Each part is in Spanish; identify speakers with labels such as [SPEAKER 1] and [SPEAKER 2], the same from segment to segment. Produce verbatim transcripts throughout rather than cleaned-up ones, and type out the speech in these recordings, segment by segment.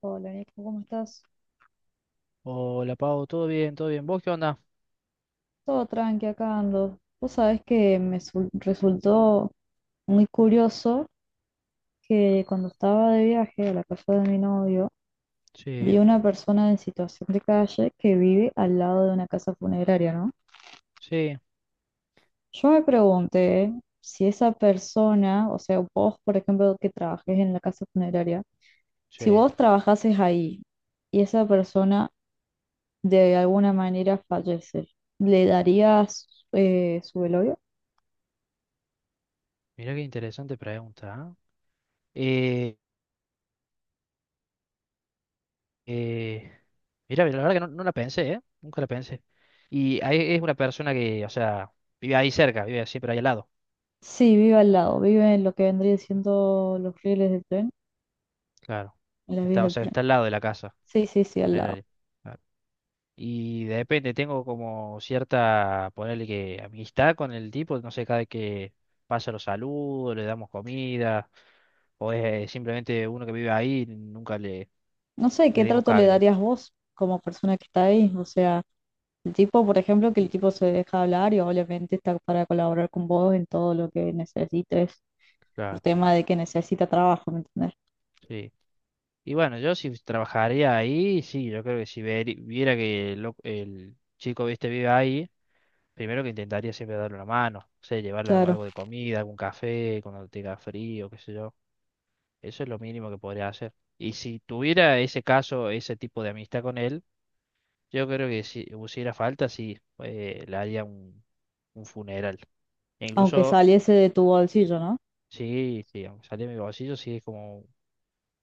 [SPEAKER 1] Hola, Nico, ¿cómo estás?
[SPEAKER 2] Hola Pau, ¿todo bien? ¿Todo bien? ¿Vos qué onda?
[SPEAKER 1] Todo tranqui acá ando. Vos sabés que me su- resultó muy curioso que cuando estaba de viaje a la casa de mi novio,
[SPEAKER 2] Sí,
[SPEAKER 1] vi una persona en situación de calle que vive al lado de una casa funeraria, ¿no?
[SPEAKER 2] sí,
[SPEAKER 1] Yo me pregunté si esa persona, o sea, vos, por ejemplo, que trabajes en la casa funeraria, si
[SPEAKER 2] sí.
[SPEAKER 1] vos trabajases ahí y esa persona de alguna manera fallece, ¿le darías eh, su velorio?
[SPEAKER 2] Mirá qué interesante pregunta, ¿eh? Eh, eh, mirá, la verdad que no, no la pensé, ¿eh? Nunca la pensé. Y ahí es una persona que, o sea, vive ahí cerca, vive siempre ahí al lado.
[SPEAKER 1] Sí, vive al lado, vive en lo que vendría siendo los rieles del tren,
[SPEAKER 2] Claro.
[SPEAKER 1] en las vías
[SPEAKER 2] Está, o
[SPEAKER 1] del
[SPEAKER 2] sea,
[SPEAKER 1] tren.
[SPEAKER 2] está al lado de la casa
[SPEAKER 1] Sí, sí, sí, al lado.
[SPEAKER 2] funeraria. Claro. Y depende, tengo como cierta, ponerle que amistad con el tipo, no sé, cada vez que pasa los saludos, le damos comida, o es eh, simplemente uno que vive ahí, nunca le
[SPEAKER 1] No sé,
[SPEAKER 2] le
[SPEAKER 1] ¿qué
[SPEAKER 2] dimos
[SPEAKER 1] trato le
[SPEAKER 2] cabida.
[SPEAKER 1] darías vos como persona que está ahí? O sea, el tipo, por ejemplo, que el
[SPEAKER 2] Y,
[SPEAKER 1] tipo se deja hablar y obviamente está para colaborar con vos en todo lo que necesites, por
[SPEAKER 2] claro,
[SPEAKER 1] tema de que necesita trabajo, ¿me entendés?
[SPEAKER 2] sí. Y bueno, yo si trabajaría ahí, sí, yo creo que si veri- viera que el, loc- el chico, viste, vive ahí, primero que intentaría siempre darle una mano, o sea, llevarle algo,
[SPEAKER 1] Claro,
[SPEAKER 2] algo de comida, algún café, cuando tenga frío, qué sé yo. Eso es lo mínimo que podría hacer. Y si tuviera ese caso, ese tipo de amistad con él, yo creo que si hubiera falta, sí, eh, le haría un, un funeral. E
[SPEAKER 1] aunque
[SPEAKER 2] incluso,
[SPEAKER 1] saliese de tu bolsillo, ¿no?
[SPEAKER 2] sí, sí, aunque saliera de mi bolsillo, sí es como.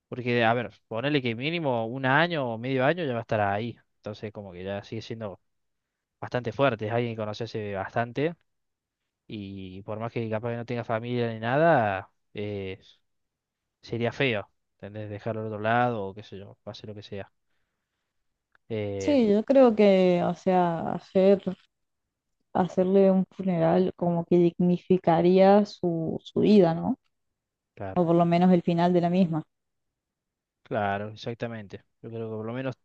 [SPEAKER 2] Porque, a ver, ponele que mínimo un año o medio año ya va a estar ahí. Entonces, como que ya sigue siendo bastante fuerte. Es alguien que conoce hace bastante. Y por más que capaz que no tenga familia ni nada, eh, sería feo. ¿Entendés? Dejarlo al otro lado o qué sé yo, pase lo que sea. Eh,
[SPEAKER 1] Sí, yo creo que, o sea, hacer, hacerle un funeral como que dignificaría su, su vida, ¿no? O
[SPEAKER 2] claro,
[SPEAKER 1] por lo menos el final de la misma.
[SPEAKER 2] claro, exactamente. Yo creo que por lo menos,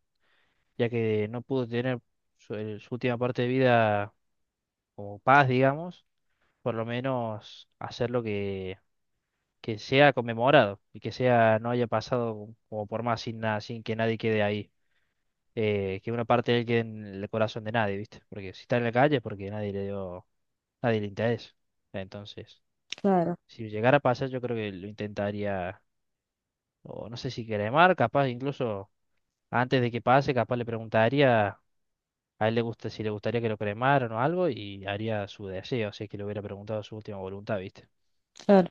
[SPEAKER 2] ya que no pudo tener su, el- su última parte de vida como paz, digamos, por lo menos hacer lo que que sea conmemorado y que sea, no haya pasado como por más sin nada, sin que nadie quede ahí. Eh, que una parte de él quede en el corazón de nadie, ¿viste? Porque si está en la calle es porque nadie le dio, nadie le interesa. Entonces,
[SPEAKER 1] Claro,
[SPEAKER 2] si llegara a pasar, yo creo que lo intentaría, o no sé si cremar, capaz incluso antes de que pase, capaz le preguntaría a él le gusta, si le gustaría que lo cremaran o algo y haría su deseo, si es que le hubiera preguntado su última voluntad, ¿viste?
[SPEAKER 1] claro,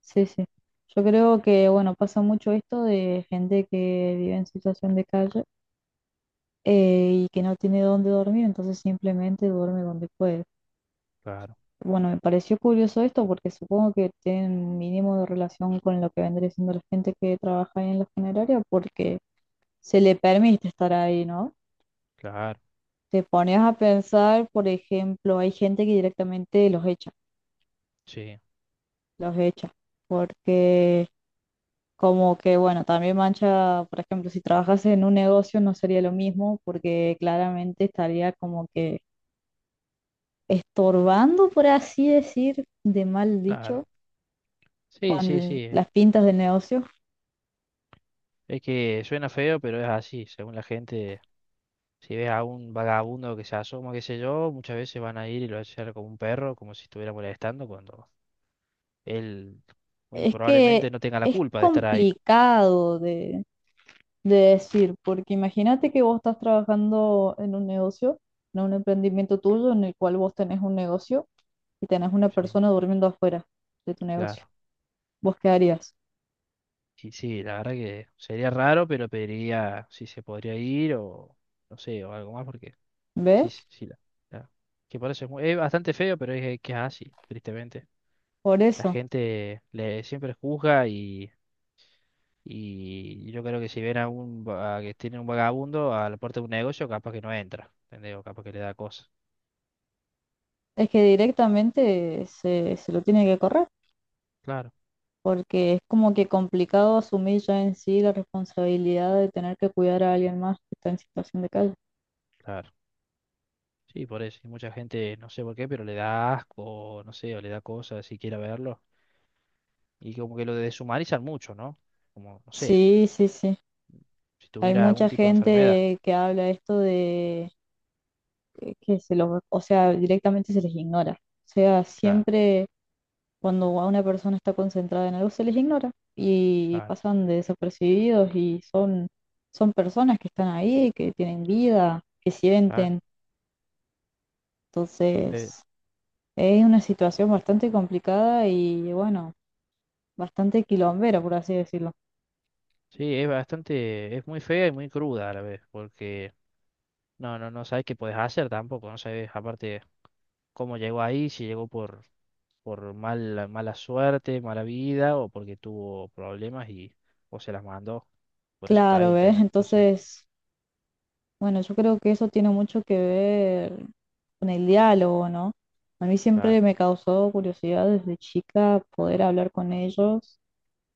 [SPEAKER 1] sí, sí. Yo creo que, bueno, pasa mucho esto de gente que vive en situación de calle eh, y que no tiene dónde dormir, entonces simplemente duerme donde puede.
[SPEAKER 2] Claro,
[SPEAKER 1] Bueno, me pareció curioso esto porque supongo que tienen un mínimo de relación con lo que vendría siendo la gente que trabaja ahí en la funeraria porque se le permite estar ahí, ¿no?
[SPEAKER 2] claro,
[SPEAKER 1] Te pones a pensar, por ejemplo, hay gente que directamente los echa,
[SPEAKER 2] sí,
[SPEAKER 1] los echa, porque, como que, bueno, también mancha. Por ejemplo, si trabajas en un negocio no sería lo mismo porque claramente estaría como que estorbando, por así decir, de mal
[SPEAKER 2] claro.
[SPEAKER 1] dicho,
[SPEAKER 2] Sí, sí,
[SPEAKER 1] con
[SPEAKER 2] sí. Eh.
[SPEAKER 1] las pintas del negocio.
[SPEAKER 2] Es que suena feo, pero es así. Según la gente, si ves a un vagabundo que se asoma, qué sé yo, muchas veces van a ir y lo van a hacer como un perro, como si estuviera molestando, cuando él muy
[SPEAKER 1] Es que
[SPEAKER 2] probablemente no tenga la
[SPEAKER 1] es
[SPEAKER 2] culpa de estar ahí.
[SPEAKER 1] complicado de, de decir, porque imagínate que vos estás trabajando en un negocio, en un emprendimiento tuyo en el cual vos tenés un negocio y tenés una
[SPEAKER 2] Sí,
[SPEAKER 1] persona durmiendo afuera de tu negocio.
[SPEAKER 2] claro.
[SPEAKER 1] ¿Vos qué harías?
[SPEAKER 2] Y sí, la verdad que sería raro, pero pediría si se podría ir o no sé, o algo más, porque sí,
[SPEAKER 1] ¿Ves?
[SPEAKER 2] sí, sí. La, la- que por eso es, muy- es bastante feo, pero es que es así, tristemente.
[SPEAKER 1] Por
[SPEAKER 2] La
[SPEAKER 1] eso.
[SPEAKER 2] gente le siempre juzga. Y yo creo que si ven a un va- a que tiene un vagabundo a la puerta de un negocio, capaz que no entra, ¿entendés? O capaz que le da cosas.
[SPEAKER 1] Es que directamente se, se lo tiene que correr,
[SPEAKER 2] Claro,
[SPEAKER 1] porque es como que complicado asumir ya en sí la responsabilidad de tener que cuidar a alguien más que está en situación de calle.
[SPEAKER 2] claro. Sí, por eso. Y mucha gente, no sé por qué, pero le da asco, no sé, o le da cosas si quiere verlo. Y como que lo deshumanizan mucho, ¿no? Como, no sé,
[SPEAKER 1] Sí, sí, sí.
[SPEAKER 2] si
[SPEAKER 1] Hay
[SPEAKER 2] tuviera algún
[SPEAKER 1] mucha
[SPEAKER 2] tipo de enfermedad.
[SPEAKER 1] gente que habla esto de que que se los, o sea, directamente se les ignora. O sea,
[SPEAKER 2] Claro,
[SPEAKER 1] siempre cuando a una persona está concentrada en algo se les ignora y
[SPEAKER 2] claro,
[SPEAKER 1] pasan de desapercibidos y son, son personas que están ahí, que tienen vida, que
[SPEAKER 2] claro.
[SPEAKER 1] sienten.
[SPEAKER 2] Eh,
[SPEAKER 1] Entonces, es una situación bastante complicada y bueno, bastante quilombera, por así decirlo.
[SPEAKER 2] sí, es bastante, es muy fea y muy cruda a la vez, porque no, no, no sabes qué puedes hacer tampoco, no sabes aparte cómo llegó ahí, si llegó por por mala, mala suerte, mala vida o porque tuvo problemas y o se las mandó. Por eso está ahí,
[SPEAKER 1] Claro, ¿ves?
[SPEAKER 2] ¿entendés? Entonces,
[SPEAKER 1] Entonces, bueno, yo creo que eso tiene mucho que ver con el diálogo, ¿no? A mí siempre
[SPEAKER 2] claro,
[SPEAKER 1] me causó curiosidad desde chica poder hablar con ellos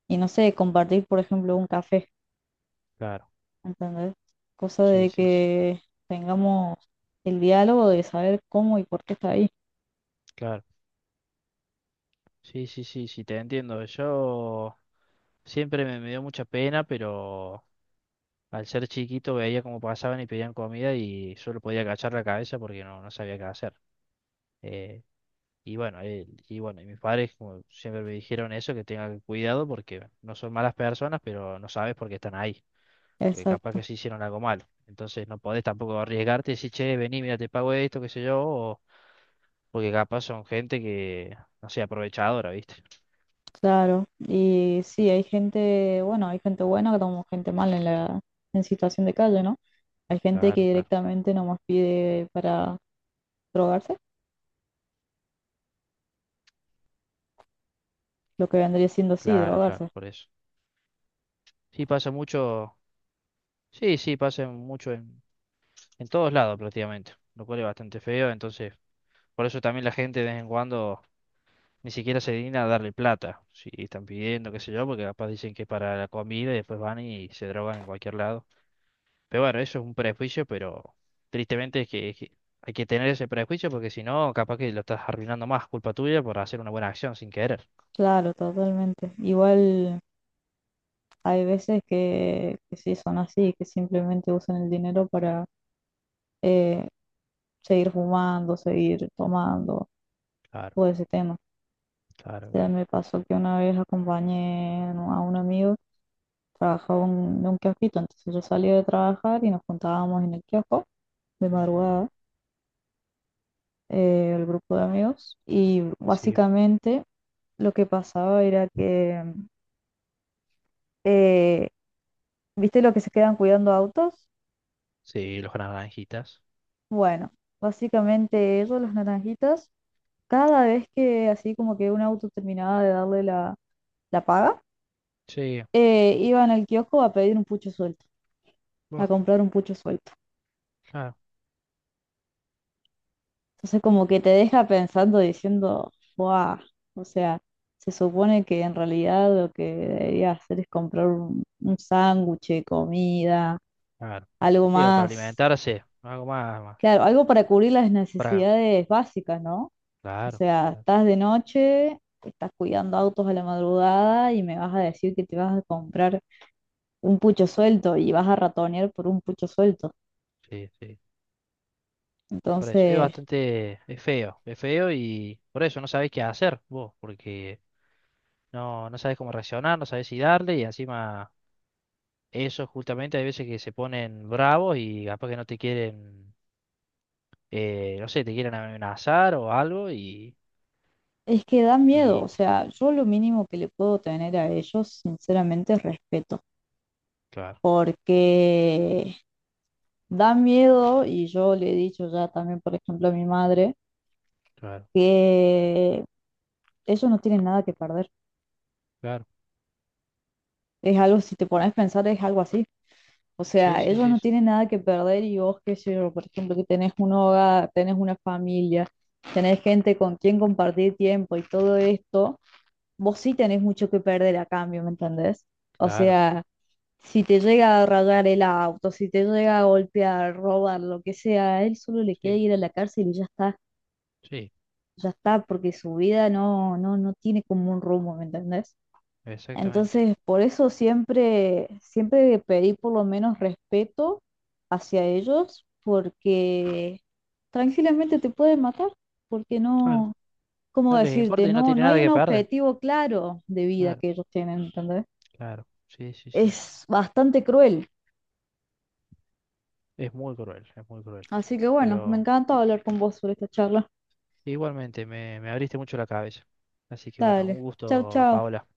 [SPEAKER 1] y no sé, compartir, por ejemplo, un café,
[SPEAKER 2] claro.
[SPEAKER 1] ¿entendés? Cosa
[SPEAKER 2] Sí,
[SPEAKER 1] de
[SPEAKER 2] sí, sí,
[SPEAKER 1] que tengamos el diálogo de saber cómo y por qué está ahí.
[SPEAKER 2] claro. Sí, sí, sí, sí, te entiendo. Yo siempre me, me dio mucha pena, pero al ser chiquito veía cómo pasaban y pedían comida y solo podía agachar la cabeza porque no, no sabía qué hacer. Eh, y bueno, eh, y bueno, y mis padres como siempre me dijeron eso, que tenga cuidado porque no son malas personas, pero no sabes por qué están ahí. Que capaz
[SPEAKER 1] Exacto.
[SPEAKER 2] que se hicieron algo mal. Entonces no podés tampoco arriesgarte y decir, che, vení, mira, te pago esto, qué sé yo, o- porque capaz son gente que, no sé, aprovechadora, ¿viste?
[SPEAKER 1] Claro, y sí, hay gente, bueno, hay gente buena como gente mala en la en situación de calle, ¿no? Hay gente que
[SPEAKER 2] Claro, claro,
[SPEAKER 1] directamente nomás pide para drogarse, lo que vendría siendo sí,
[SPEAKER 2] claro, claro,
[SPEAKER 1] drogarse.
[SPEAKER 2] por eso. Sí, pasa mucho, sí, sí, pasa mucho en, en todos lados prácticamente, lo cual es bastante feo, entonces, por eso también la gente de vez en cuando ni siquiera se digna a darle plata, si están pidiendo, qué sé yo, porque capaz dicen que es para la comida y después van y se drogan en cualquier lado. Pero bueno, eso es un prejuicio, pero tristemente es que, es que hay que tener ese prejuicio porque si no, capaz que lo estás arruinando más, culpa tuya por hacer una buena acción sin querer.
[SPEAKER 1] Claro, totalmente. Igual hay veces que, que sí son así, que simplemente usan el dinero para eh, seguir fumando, seguir tomando,
[SPEAKER 2] Claro,
[SPEAKER 1] todo ese tema.
[SPEAKER 2] claro,
[SPEAKER 1] Sea,
[SPEAKER 2] claro.
[SPEAKER 1] me pasó que una vez acompañé a un a un amigo, trabajaba en un kiosquito, entonces yo salía de trabajar y nos juntábamos en el kiosco de
[SPEAKER 2] Ujú.
[SPEAKER 1] madrugada, eh, el grupo de amigos, y
[SPEAKER 2] Sí,
[SPEAKER 1] básicamente lo que pasaba era que, eh, ¿viste lo que se quedan cuidando autos?
[SPEAKER 2] sí, los naranjitas.
[SPEAKER 1] Bueno, básicamente ellos, los naranjitas, cada vez que así como que un auto terminaba de darle la, la paga,
[SPEAKER 2] Sí,
[SPEAKER 1] eh, iban al kiosco a pedir un pucho suelto, a
[SPEAKER 2] vos,
[SPEAKER 1] comprar un pucho suelto.
[SPEAKER 2] claro,
[SPEAKER 1] Entonces como que te deja pensando diciendo, wow, o sea, se supone que en realidad lo que debería hacer es comprar un, un sándwich, de comida,
[SPEAKER 2] claro.
[SPEAKER 1] algo
[SPEAKER 2] Digo, para
[SPEAKER 1] más,
[SPEAKER 2] alimentarse, algo más, más.
[SPEAKER 1] claro, algo para cubrir las
[SPEAKER 2] Para,
[SPEAKER 1] necesidades básicas, ¿no? O
[SPEAKER 2] claro,
[SPEAKER 1] sea,
[SPEAKER 2] claro,
[SPEAKER 1] estás de noche, estás cuidando autos a la madrugada y me vas a decir que te vas a comprar un pucho suelto y vas a ratonear por un pucho suelto.
[SPEAKER 2] sí, sí. Por eso, es
[SPEAKER 1] Entonces...
[SPEAKER 2] bastante, es feo, es feo y por eso no sabés qué hacer vos, porque no, no sabés cómo reaccionar, no sabés si darle y encima... Eso justamente hay veces que se ponen bravos y capaz que no te quieren, eh, no sé, te quieren amenazar o algo y,
[SPEAKER 1] Es que da miedo, o
[SPEAKER 2] y
[SPEAKER 1] sea, yo lo mínimo que le puedo tener a ellos, sinceramente, es respeto,
[SPEAKER 2] claro,
[SPEAKER 1] porque da miedo, y yo le he dicho ya también, por ejemplo, a mi madre,
[SPEAKER 2] claro,
[SPEAKER 1] que ellos no tienen nada que perder.
[SPEAKER 2] claro.
[SPEAKER 1] Es algo, si te pones a pensar, es algo así. O
[SPEAKER 2] Sí,
[SPEAKER 1] sea,
[SPEAKER 2] sí,
[SPEAKER 1] ellos
[SPEAKER 2] sí,
[SPEAKER 1] no
[SPEAKER 2] sí,
[SPEAKER 1] tienen nada que perder y vos, qué sé yo, por ejemplo, que tenés un hogar, tenés una familia, tenés gente con quien compartir tiempo y todo esto, vos sí tenés mucho que perder a cambio, ¿me entendés? O
[SPEAKER 2] claro,
[SPEAKER 1] sea... Si te llega a rayar el auto, si te llega a golpear, robar, lo que sea, a él solo le queda
[SPEAKER 2] sí,
[SPEAKER 1] ir a la cárcel y ya está,
[SPEAKER 2] sí,
[SPEAKER 1] ya está, porque su vida no, no, no tiene como un rumbo, ¿me entendés?
[SPEAKER 2] exactamente.
[SPEAKER 1] Entonces, por eso siempre, siempre pedí por lo menos respeto hacia ellos, porque tranquilamente te pueden matar, porque
[SPEAKER 2] Claro,
[SPEAKER 1] no, ¿cómo
[SPEAKER 2] no les importa
[SPEAKER 1] decirte?
[SPEAKER 2] y no
[SPEAKER 1] No,
[SPEAKER 2] tiene
[SPEAKER 1] no
[SPEAKER 2] nada
[SPEAKER 1] hay un
[SPEAKER 2] que perder.
[SPEAKER 1] objetivo claro de vida
[SPEAKER 2] Claro,
[SPEAKER 1] que ellos tienen, ¿entendés?
[SPEAKER 2] claro, sí, sí, sí.
[SPEAKER 1] Es bastante cruel.
[SPEAKER 2] Es muy cruel, es muy cruel.
[SPEAKER 1] Así que bueno, me
[SPEAKER 2] Pero
[SPEAKER 1] encantó hablar con vos sobre esta charla.
[SPEAKER 2] igualmente me, me abriste mucho la cabeza. Así que bueno, un
[SPEAKER 1] Dale, chau,
[SPEAKER 2] gusto,
[SPEAKER 1] chau.
[SPEAKER 2] Paola.